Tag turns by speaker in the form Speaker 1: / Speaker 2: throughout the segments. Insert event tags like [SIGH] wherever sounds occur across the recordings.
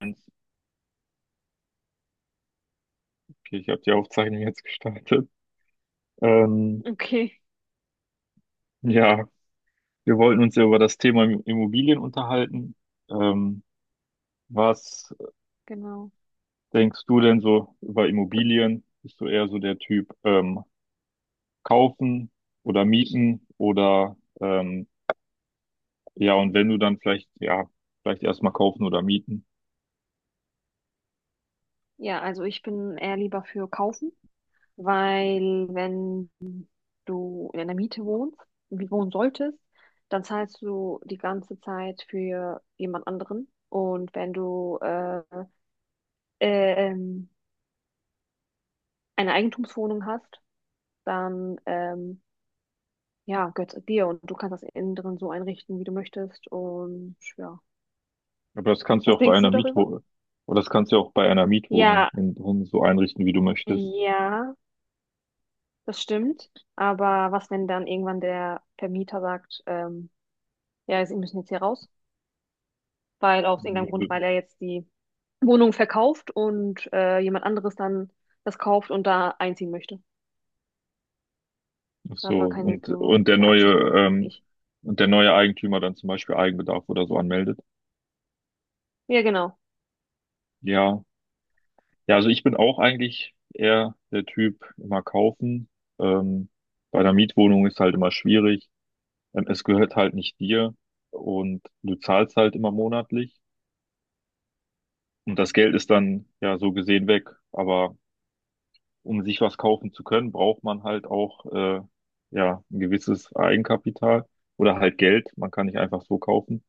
Speaker 1: Eins. Okay, ich habe die Aufzeichnung jetzt gestartet. Ähm,
Speaker 2: Okay,
Speaker 1: ja, wir wollten uns ja über das Thema Immobilien unterhalten. Ähm, Was
Speaker 2: genau.
Speaker 1: denkst du denn so über Immobilien? Bist du eher so der Typ kaufen oder mieten oder ja, und wenn du dann vielleicht, ja, vielleicht erstmal kaufen oder mieten.
Speaker 2: Ja, also ich bin eher lieber für kaufen, weil wenn du in einer Miete wohnst, wie wohnen solltest, dann zahlst du die ganze Zeit für jemand anderen. Und wenn du ähm, eine Eigentumswohnung hast, dann ja, gehört es dir und du kannst das innen drin so einrichten, wie du möchtest. Und ja,
Speaker 1: Aber das kannst du ja
Speaker 2: was
Speaker 1: auch bei
Speaker 2: denkst du
Speaker 1: einer
Speaker 2: darüber?
Speaker 1: Mietwohnung, oder das kannst du ja auch bei einer Mietwohnung
Speaker 2: Ja,
Speaker 1: in, so einrichten, wie du möchtest.
Speaker 2: ja. Das stimmt. Aber was, wenn dann irgendwann der Vermieter sagt, ja, Sie müssen jetzt hier raus, weil aus irgendeinem Grund, weil er jetzt die Wohnung verkauft und jemand anderes dann das kauft und da einziehen möchte.
Speaker 1: Ach
Speaker 2: Da hat
Speaker 1: so,
Speaker 2: man keine
Speaker 1: und,
Speaker 2: so
Speaker 1: und der
Speaker 2: hier Absicherung, finde ich.
Speaker 1: neue Eigentümer dann zum Beispiel Eigenbedarf oder so anmeldet.
Speaker 2: Ja, genau.
Speaker 1: Ja, ja, also ich bin auch eigentlich eher der Typ, immer kaufen. Ähm, Bei einer Mietwohnung ist halt immer schwierig. Es gehört halt nicht dir und du zahlst halt immer monatlich. Und das Geld ist dann ja so gesehen weg. Aber um sich was kaufen zu können, braucht man halt auch ja ein gewisses Eigenkapital oder halt Geld. Man kann nicht einfach so kaufen.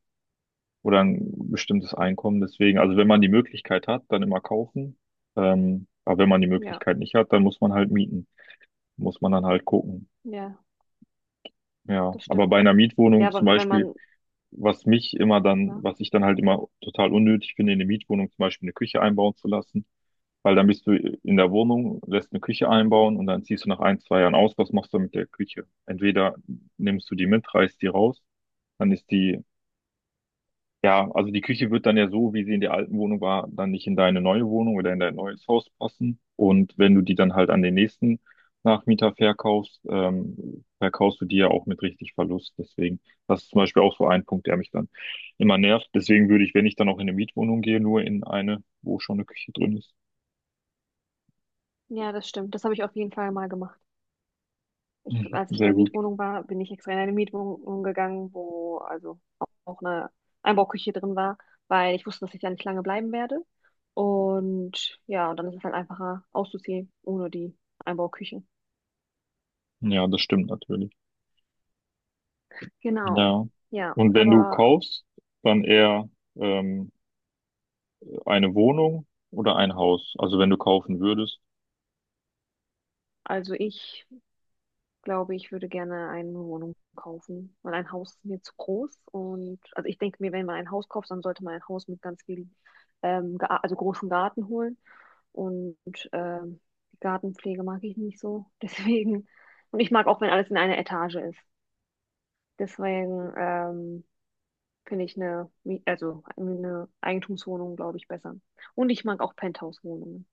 Speaker 1: Oder ein bestimmtes Einkommen. Deswegen, also wenn man die Möglichkeit hat, dann immer kaufen. Aber wenn man die
Speaker 2: Ja,
Speaker 1: Möglichkeit nicht hat, dann muss man halt mieten. Muss man dann halt gucken.
Speaker 2: ja,
Speaker 1: Ja,
Speaker 2: das
Speaker 1: aber bei
Speaker 2: stimmt.
Speaker 1: einer
Speaker 2: Ja,
Speaker 1: Mietwohnung zum
Speaker 2: aber wenn
Speaker 1: Beispiel,
Speaker 2: man,
Speaker 1: was mich immer dann,
Speaker 2: ja,
Speaker 1: was ich dann halt immer total unnötig finde, in eine Mietwohnung zum Beispiel eine Küche einbauen zu lassen, weil dann bist du in der Wohnung, lässt eine Küche einbauen und dann ziehst du nach ein, zwei Jahren aus. Was machst du mit der Küche? Entweder nimmst du die mit, reißt die raus, dann ist die. Ja, also die Küche wird dann ja so, wie sie in der alten Wohnung war, dann nicht in deine neue Wohnung oder in dein neues Haus passen. Und wenn du die dann halt an den nächsten Nachmieter verkaufst, verkaufst du die ja auch mit richtig Verlust. Deswegen, das ist zum Beispiel auch so ein Punkt, der mich dann immer nervt. Deswegen würde ich, wenn ich dann auch in eine Mietwohnung gehe, nur in eine, wo schon eine Küche drin ist.
Speaker 2: ja, das stimmt. Das habe ich auf jeden Fall mal gemacht. Ich,
Speaker 1: Mhm.
Speaker 2: als ich in
Speaker 1: Sehr
Speaker 2: der
Speaker 1: gut.
Speaker 2: Mietwohnung war, bin ich extra in eine Mietwohnung gegangen, wo also auch eine Einbauküche drin war, weil ich wusste, dass ich da nicht lange bleiben werde. Und ja, und dann ist es halt einfacher auszuziehen ohne die Einbauküche.
Speaker 1: Ja, das stimmt natürlich.
Speaker 2: Genau.
Speaker 1: Ja.
Speaker 2: Ja,
Speaker 1: Und wenn du
Speaker 2: aber
Speaker 1: kaufst, dann eher ähm, eine Wohnung oder ein Haus. Also wenn du kaufen würdest.
Speaker 2: also ich glaube, ich würde gerne eine Wohnung kaufen, weil ein Haus ist mir zu groß. Und also ich denke mir, wenn man ein Haus kauft, dann sollte man ein Haus mit ganz viel, also großen Garten holen. Und ähm, die Gartenpflege mag ich nicht so. [LAUGHS] Deswegen. Und ich mag auch, wenn alles in einer Etage ist. Deswegen finde ich also eine Eigentumswohnung, glaube ich, besser. Und ich mag auch Penthouse-Wohnungen.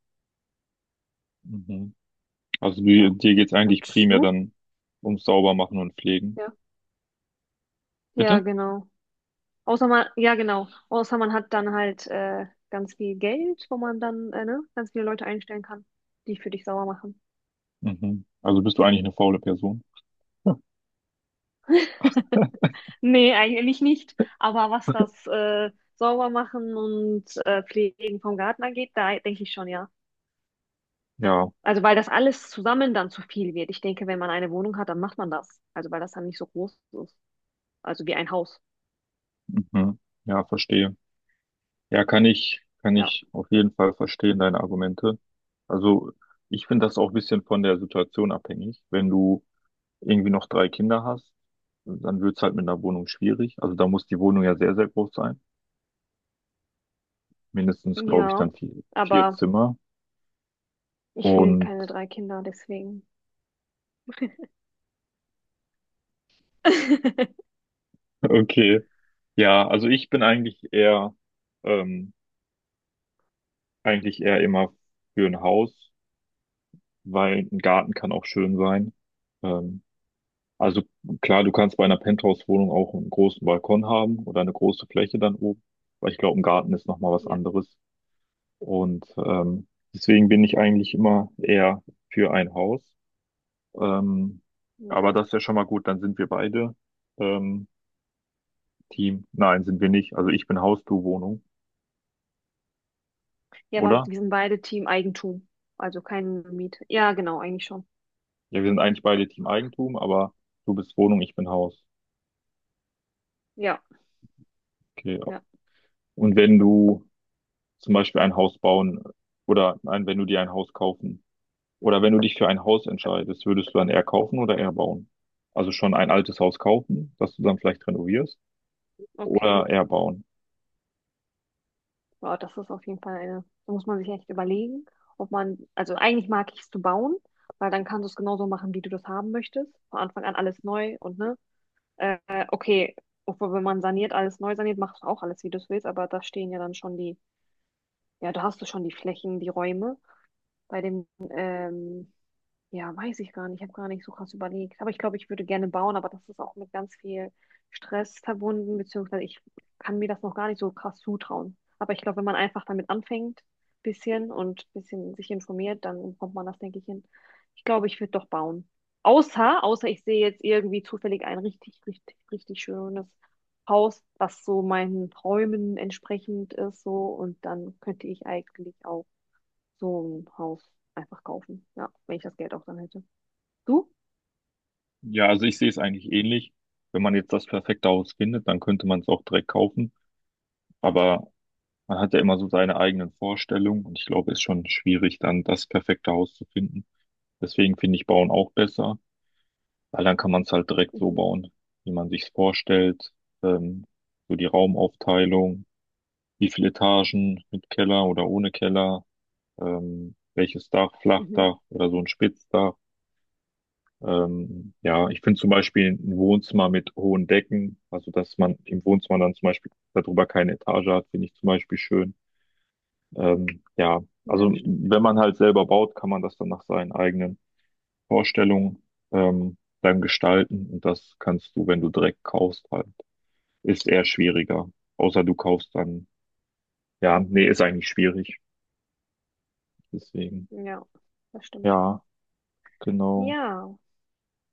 Speaker 1: Mhm. Also du,
Speaker 2: Ja.
Speaker 1: dir geht's eigentlich
Speaker 2: Und
Speaker 1: primär
Speaker 2: du?
Speaker 1: dann ums Saubermachen und Pflegen.
Speaker 2: Ja. Ja,
Speaker 1: Bitte?
Speaker 2: genau. Außer man, ja, genau. Außer man hat dann halt ganz viel Geld, wo man dann ne, ganz viele Leute einstellen kann, die für dich sauer machen.
Speaker 1: Mhm. Also bist du eigentlich eine faule Person?
Speaker 2: [LAUGHS] Nee, eigentlich nicht. Aber was das Saubermachen und Pflegen vom Garten angeht, da denke ich schon, ja.
Speaker 1: Ja.
Speaker 2: Also weil das alles zusammen dann zu viel wird. Ich denke, wenn man eine Wohnung hat, dann macht man das. Also weil das dann nicht so groß ist. Also wie ein Haus.
Speaker 1: Mhm. Ja, verstehe. Ja, kann
Speaker 2: Ja.
Speaker 1: ich auf jeden Fall verstehen, deine Argumente. Also ich finde das auch ein bisschen von der Situation abhängig. Wenn du irgendwie noch drei Kinder hast, dann wird's halt mit einer Wohnung schwierig. Also da muss die Wohnung ja sehr, sehr groß sein. Mindestens, glaube ich,
Speaker 2: Ja.
Speaker 1: dann vier
Speaker 2: Aber
Speaker 1: Zimmer.
Speaker 2: ich will
Speaker 1: Und
Speaker 2: keine drei Kinder, deswegen. [LAUGHS]
Speaker 1: [LAUGHS] okay. Ja, also ich bin eigentlich eher. ähm, Eigentlich eher immer für ein Haus, weil ein Garten kann auch schön sein. Ähm, also klar, du kannst bei einer Penthouse-Wohnung auch einen großen Balkon haben oder eine große Fläche dann oben, aber ich glaube, ein Garten ist nochmal was
Speaker 2: Ja,
Speaker 1: anderes. Und deswegen bin ich eigentlich immer eher für ein Haus. Ähm, aber
Speaker 2: ja.
Speaker 1: das ist ja schon mal gut, dann sind wir beide ähm, Team. Nein, sind wir nicht. Also ich bin Haus, du Wohnung,
Speaker 2: Ja, aber
Speaker 1: oder?
Speaker 2: wir sind beide Team Eigentum. Also kein Miete. Ja, genau, eigentlich schon.
Speaker 1: Ja, wir sind eigentlich beide Team Eigentum, aber du bist Wohnung, ich bin Haus.
Speaker 2: Ja,
Speaker 1: Okay.
Speaker 2: ja.
Speaker 1: Und wenn du zum Beispiel ein Haus bauen oder nein, wenn du dir ein Haus kaufen oder wenn du dich für ein Haus entscheidest, würdest du dann eher kaufen oder eher bauen? Also schon ein altes Haus kaufen, das du dann vielleicht renovierst
Speaker 2: Okay.
Speaker 1: oder eher bauen?
Speaker 2: Wow, das ist auf jeden Fall da muss man sich echt überlegen, ob man, also eigentlich mag ich es zu bauen, weil dann kannst du es genauso machen, wie du das haben möchtest. Von Anfang an alles neu und ne, äh, okay, obwohl wenn man saniert, alles neu saniert, machst du auch alles, wie du es willst, aber da stehen ja dann schon die, ja, da hast du schon die Flächen, die Räume. Bei dem Ja, weiß ich gar nicht. Ich habe gar nicht so krass überlegt. Aber ich glaube, ich würde gerne bauen, aber das ist auch mit ganz viel Stress verbunden, beziehungsweise ich kann mir das noch gar nicht so krass zutrauen. Aber ich glaube, wenn man einfach damit anfängt, bisschen und bisschen sich informiert, dann kommt man das, denke ich, hin. Ich glaube, ich würde doch bauen. Außer, außer ich sehe jetzt irgendwie zufällig ein richtig, richtig, richtig schönes Haus, was so meinen Träumen entsprechend ist, so. Und dann könnte ich eigentlich auch so ein Haus einfach kaufen. Ja, wenn ich das Geld auch dann hätte. Du?
Speaker 1: Ja, also ich sehe es eigentlich ähnlich. Wenn man jetzt das perfekte Haus findet, dann könnte man es auch direkt kaufen. Aber man hat ja immer so seine eigenen Vorstellungen und ich glaube, es ist schon schwierig, dann das perfekte Haus zu finden. Deswegen finde ich Bauen auch besser. Weil dann kann man es halt direkt so
Speaker 2: Mhm.
Speaker 1: bauen, wie man sich's vorstellt. Ähm, so die Raumaufteilung, wie viele Etagen mit Keller oder ohne Keller, welches Dach,
Speaker 2: Mhm.
Speaker 1: Flachdach oder so ein Spitzdach. Ja, ich finde zum Beispiel ein Wohnzimmer mit hohen Decken, also dass man im Wohnzimmer dann zum Beispiel darüber keine Etage hat, finde ich zum Beispiel schön. Ja,
Speaker 2: Ja,
Speaker 1: also
Speaker 2: das stimmt.
Speaker 1: wenn man halt selber baut, kann man das dann nach seinen eigenen Vorstellung beim Gestalten und das kannst du, wenn du direkt kaufst, halt. Ist eher schwieriger. Außer du kaufst dann, ja, nee, ist eigentlich schwierig. Deswegen,
Speaker 2: Ja, das stimmt.
Speaker 1: ja, genau,
Speaker 2: Ja.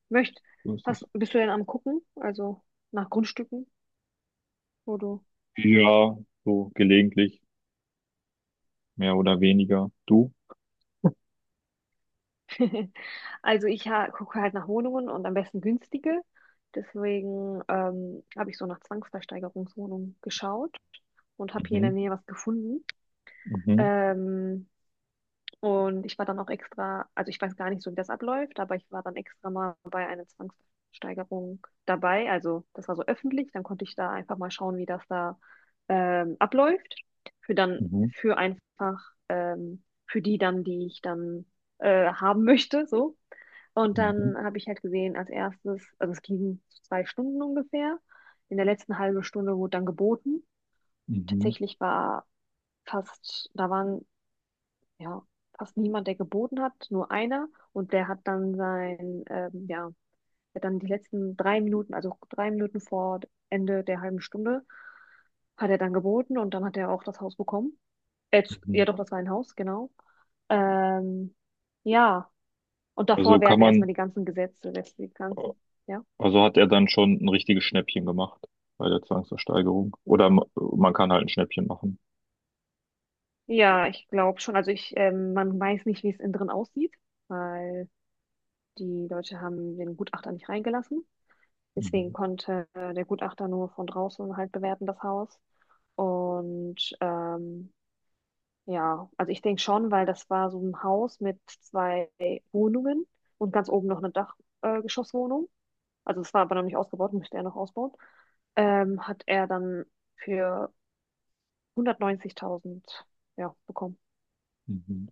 Speaker 2: Möcht,
Speaker 1: so ist es.
Speaker 2: Bist du denn am Gucken? Also nach Grundstücken, wo du dann.
Speaker 1: Ja, so gelegentlich, mehr oder weniger. Du?
Speaker 2: [LAUGHS] Also ich ha gucke halt nach Wohnungen und am besten günstige. Deswegen habe ich so nach Zwangsversteigerungswohnungen geschaut und habe hier in der
Speaker 1: Mhm.
Speaker 2: Nähe was gefunden.
Speaker 1: Mhm.
Speaker 2: Ähm, Und ich war dann auch extra, also ich weiß gar nicht so, wie das abläuft, aber ich war dann extra mal bei einer Zwangsversteigerung dabei. Also das war so öffentlich, dann konnte ich da einfach mal schauen, wie das da abläuft. Für dann,
Speaker 1: Mhm.
Speaker 2: für einfach, für die dann, die ich dann haben möchte, so. Und
Speaker 1: Mhm.
Speaker 2: dann habe ich halt gesehen, als erstes, also es ging so 2 Stunden ungefähr. In der letzten halben Stunde wurde dann geboten.
Speaker 1: Mhm.
Speaker 2: Tatsächlich war fast, da waren ja, fast niemand, der geboten hat, nur einer. Und der hat dann die letzten 3 Minuten, also 3 Minuten vor Ende der halben Stunde, hat er dann geboten und dann hat er auch das Haus bekommen. Äh,
Speaker 1: Mhm.
Speaker 2: ja, doch, das war ein Haus, genau. Ähm, ja, und
Speaker 1: Also
Speaker 2: davor
Speaker 1: kann
Speaker 2: werden erstmal
Speaker 1: man,
Speaker 2: die ganzen Gesetze, letztlich die ganzen, ja.
Speaker 1: also hat er dann schon ein richtiges Schnäppchen gemacht bei der Zwangsversteigerung. Oder man kann halt ein Schnäppchen machen.
Speaker 2: Ja, ich glaube schon. Also man weiß nicht, wie es innen drin aussieht, weil die Leute haben den Gutachter nicht reingelassen. Deswegen
Speaker 1: Mhm.
Speaker 2: konnte der Gutachter nur von draußen halt bewerten, das Haus. Und ja, also ich denke schon, weil das war so ein Haus mit zwei Wohnungen und ganz oben noch eine Dachgeschosswohnung. Geschosswohnung. Also es war aber noch nicht ausgebaut, müsste er noch ausbauen. Hat er dann für 190.000, ja, bekommen.
Speaker 1: Mhm.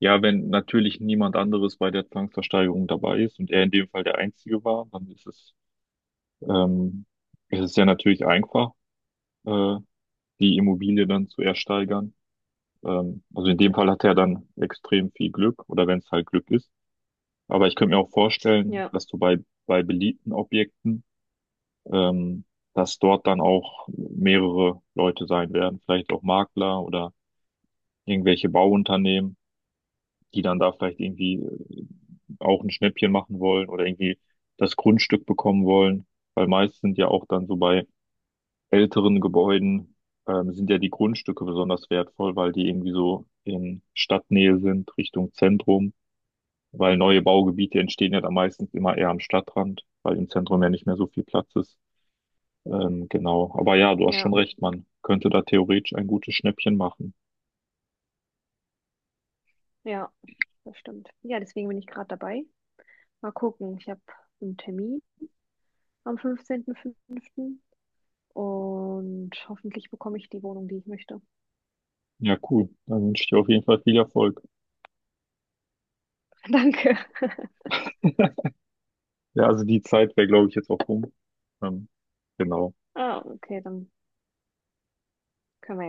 Speaker 1: Ja, wenn natürlich niemand anderes bei der Zwangsversteigerung dabei ist und er in dem Fall der Einzige war, dann ist es, ähm, es ist ja natürlich einfach, äh, die Immobilie dann zu ersteigern. Also in dem Fall hat er dann extrem viel Glück oder wenn es halt Glück ist. Aber ich könnte mir auch vorstellen,
Speaker 2: Ja,
Speaker 1: dass du bei, beliebten Objekten, ähm, dass dort dann auch mehrere Leute sein werden, vielleicht auch Makler oder irgendwelche Bauunternehmen, die dann da vielleicht irgendwie auch ein Schnäppchen machen wollen oder irgendwie das Grundstück bekommen wollen. Weil meist sind ja auch dann so bei älteren Gebäuden sind ja die Grundstücke besonders wertvoll, weil die irgendwie so in Stadtnähe sind, Richtung Zentrum. Weil neue Baugebiete entstehen ja dann meistens immer eher am Stadtrand, weil im Zentrum ja nicht mehr so viel Platz ist. Genau. Aber ja, du hast
Speaker 2: ja,
Speaker 1: schon recht, man könnte da theoretisch ein gutes Schnäppchen machen.
Speaker 2: ja, das stimmt. Ja, deswegen bin ich gerade dabei. Mal gucken, ich habe einen Termin am 15.05. Und hoffentlich bekomme ich die Wohnung, die ich möchte.
Speaker 1: Ja, cool. Dann wünsche ich dir auf jeden Fall viel Erfolg.
Speaker 2: [LAUGHS] Danke.
Speaker 1: Ja, also die Zeit wäre, glaube ich, jetzt auch rum. Ähm, genau.
Speaker 2: Ah, okay, dann können wir ja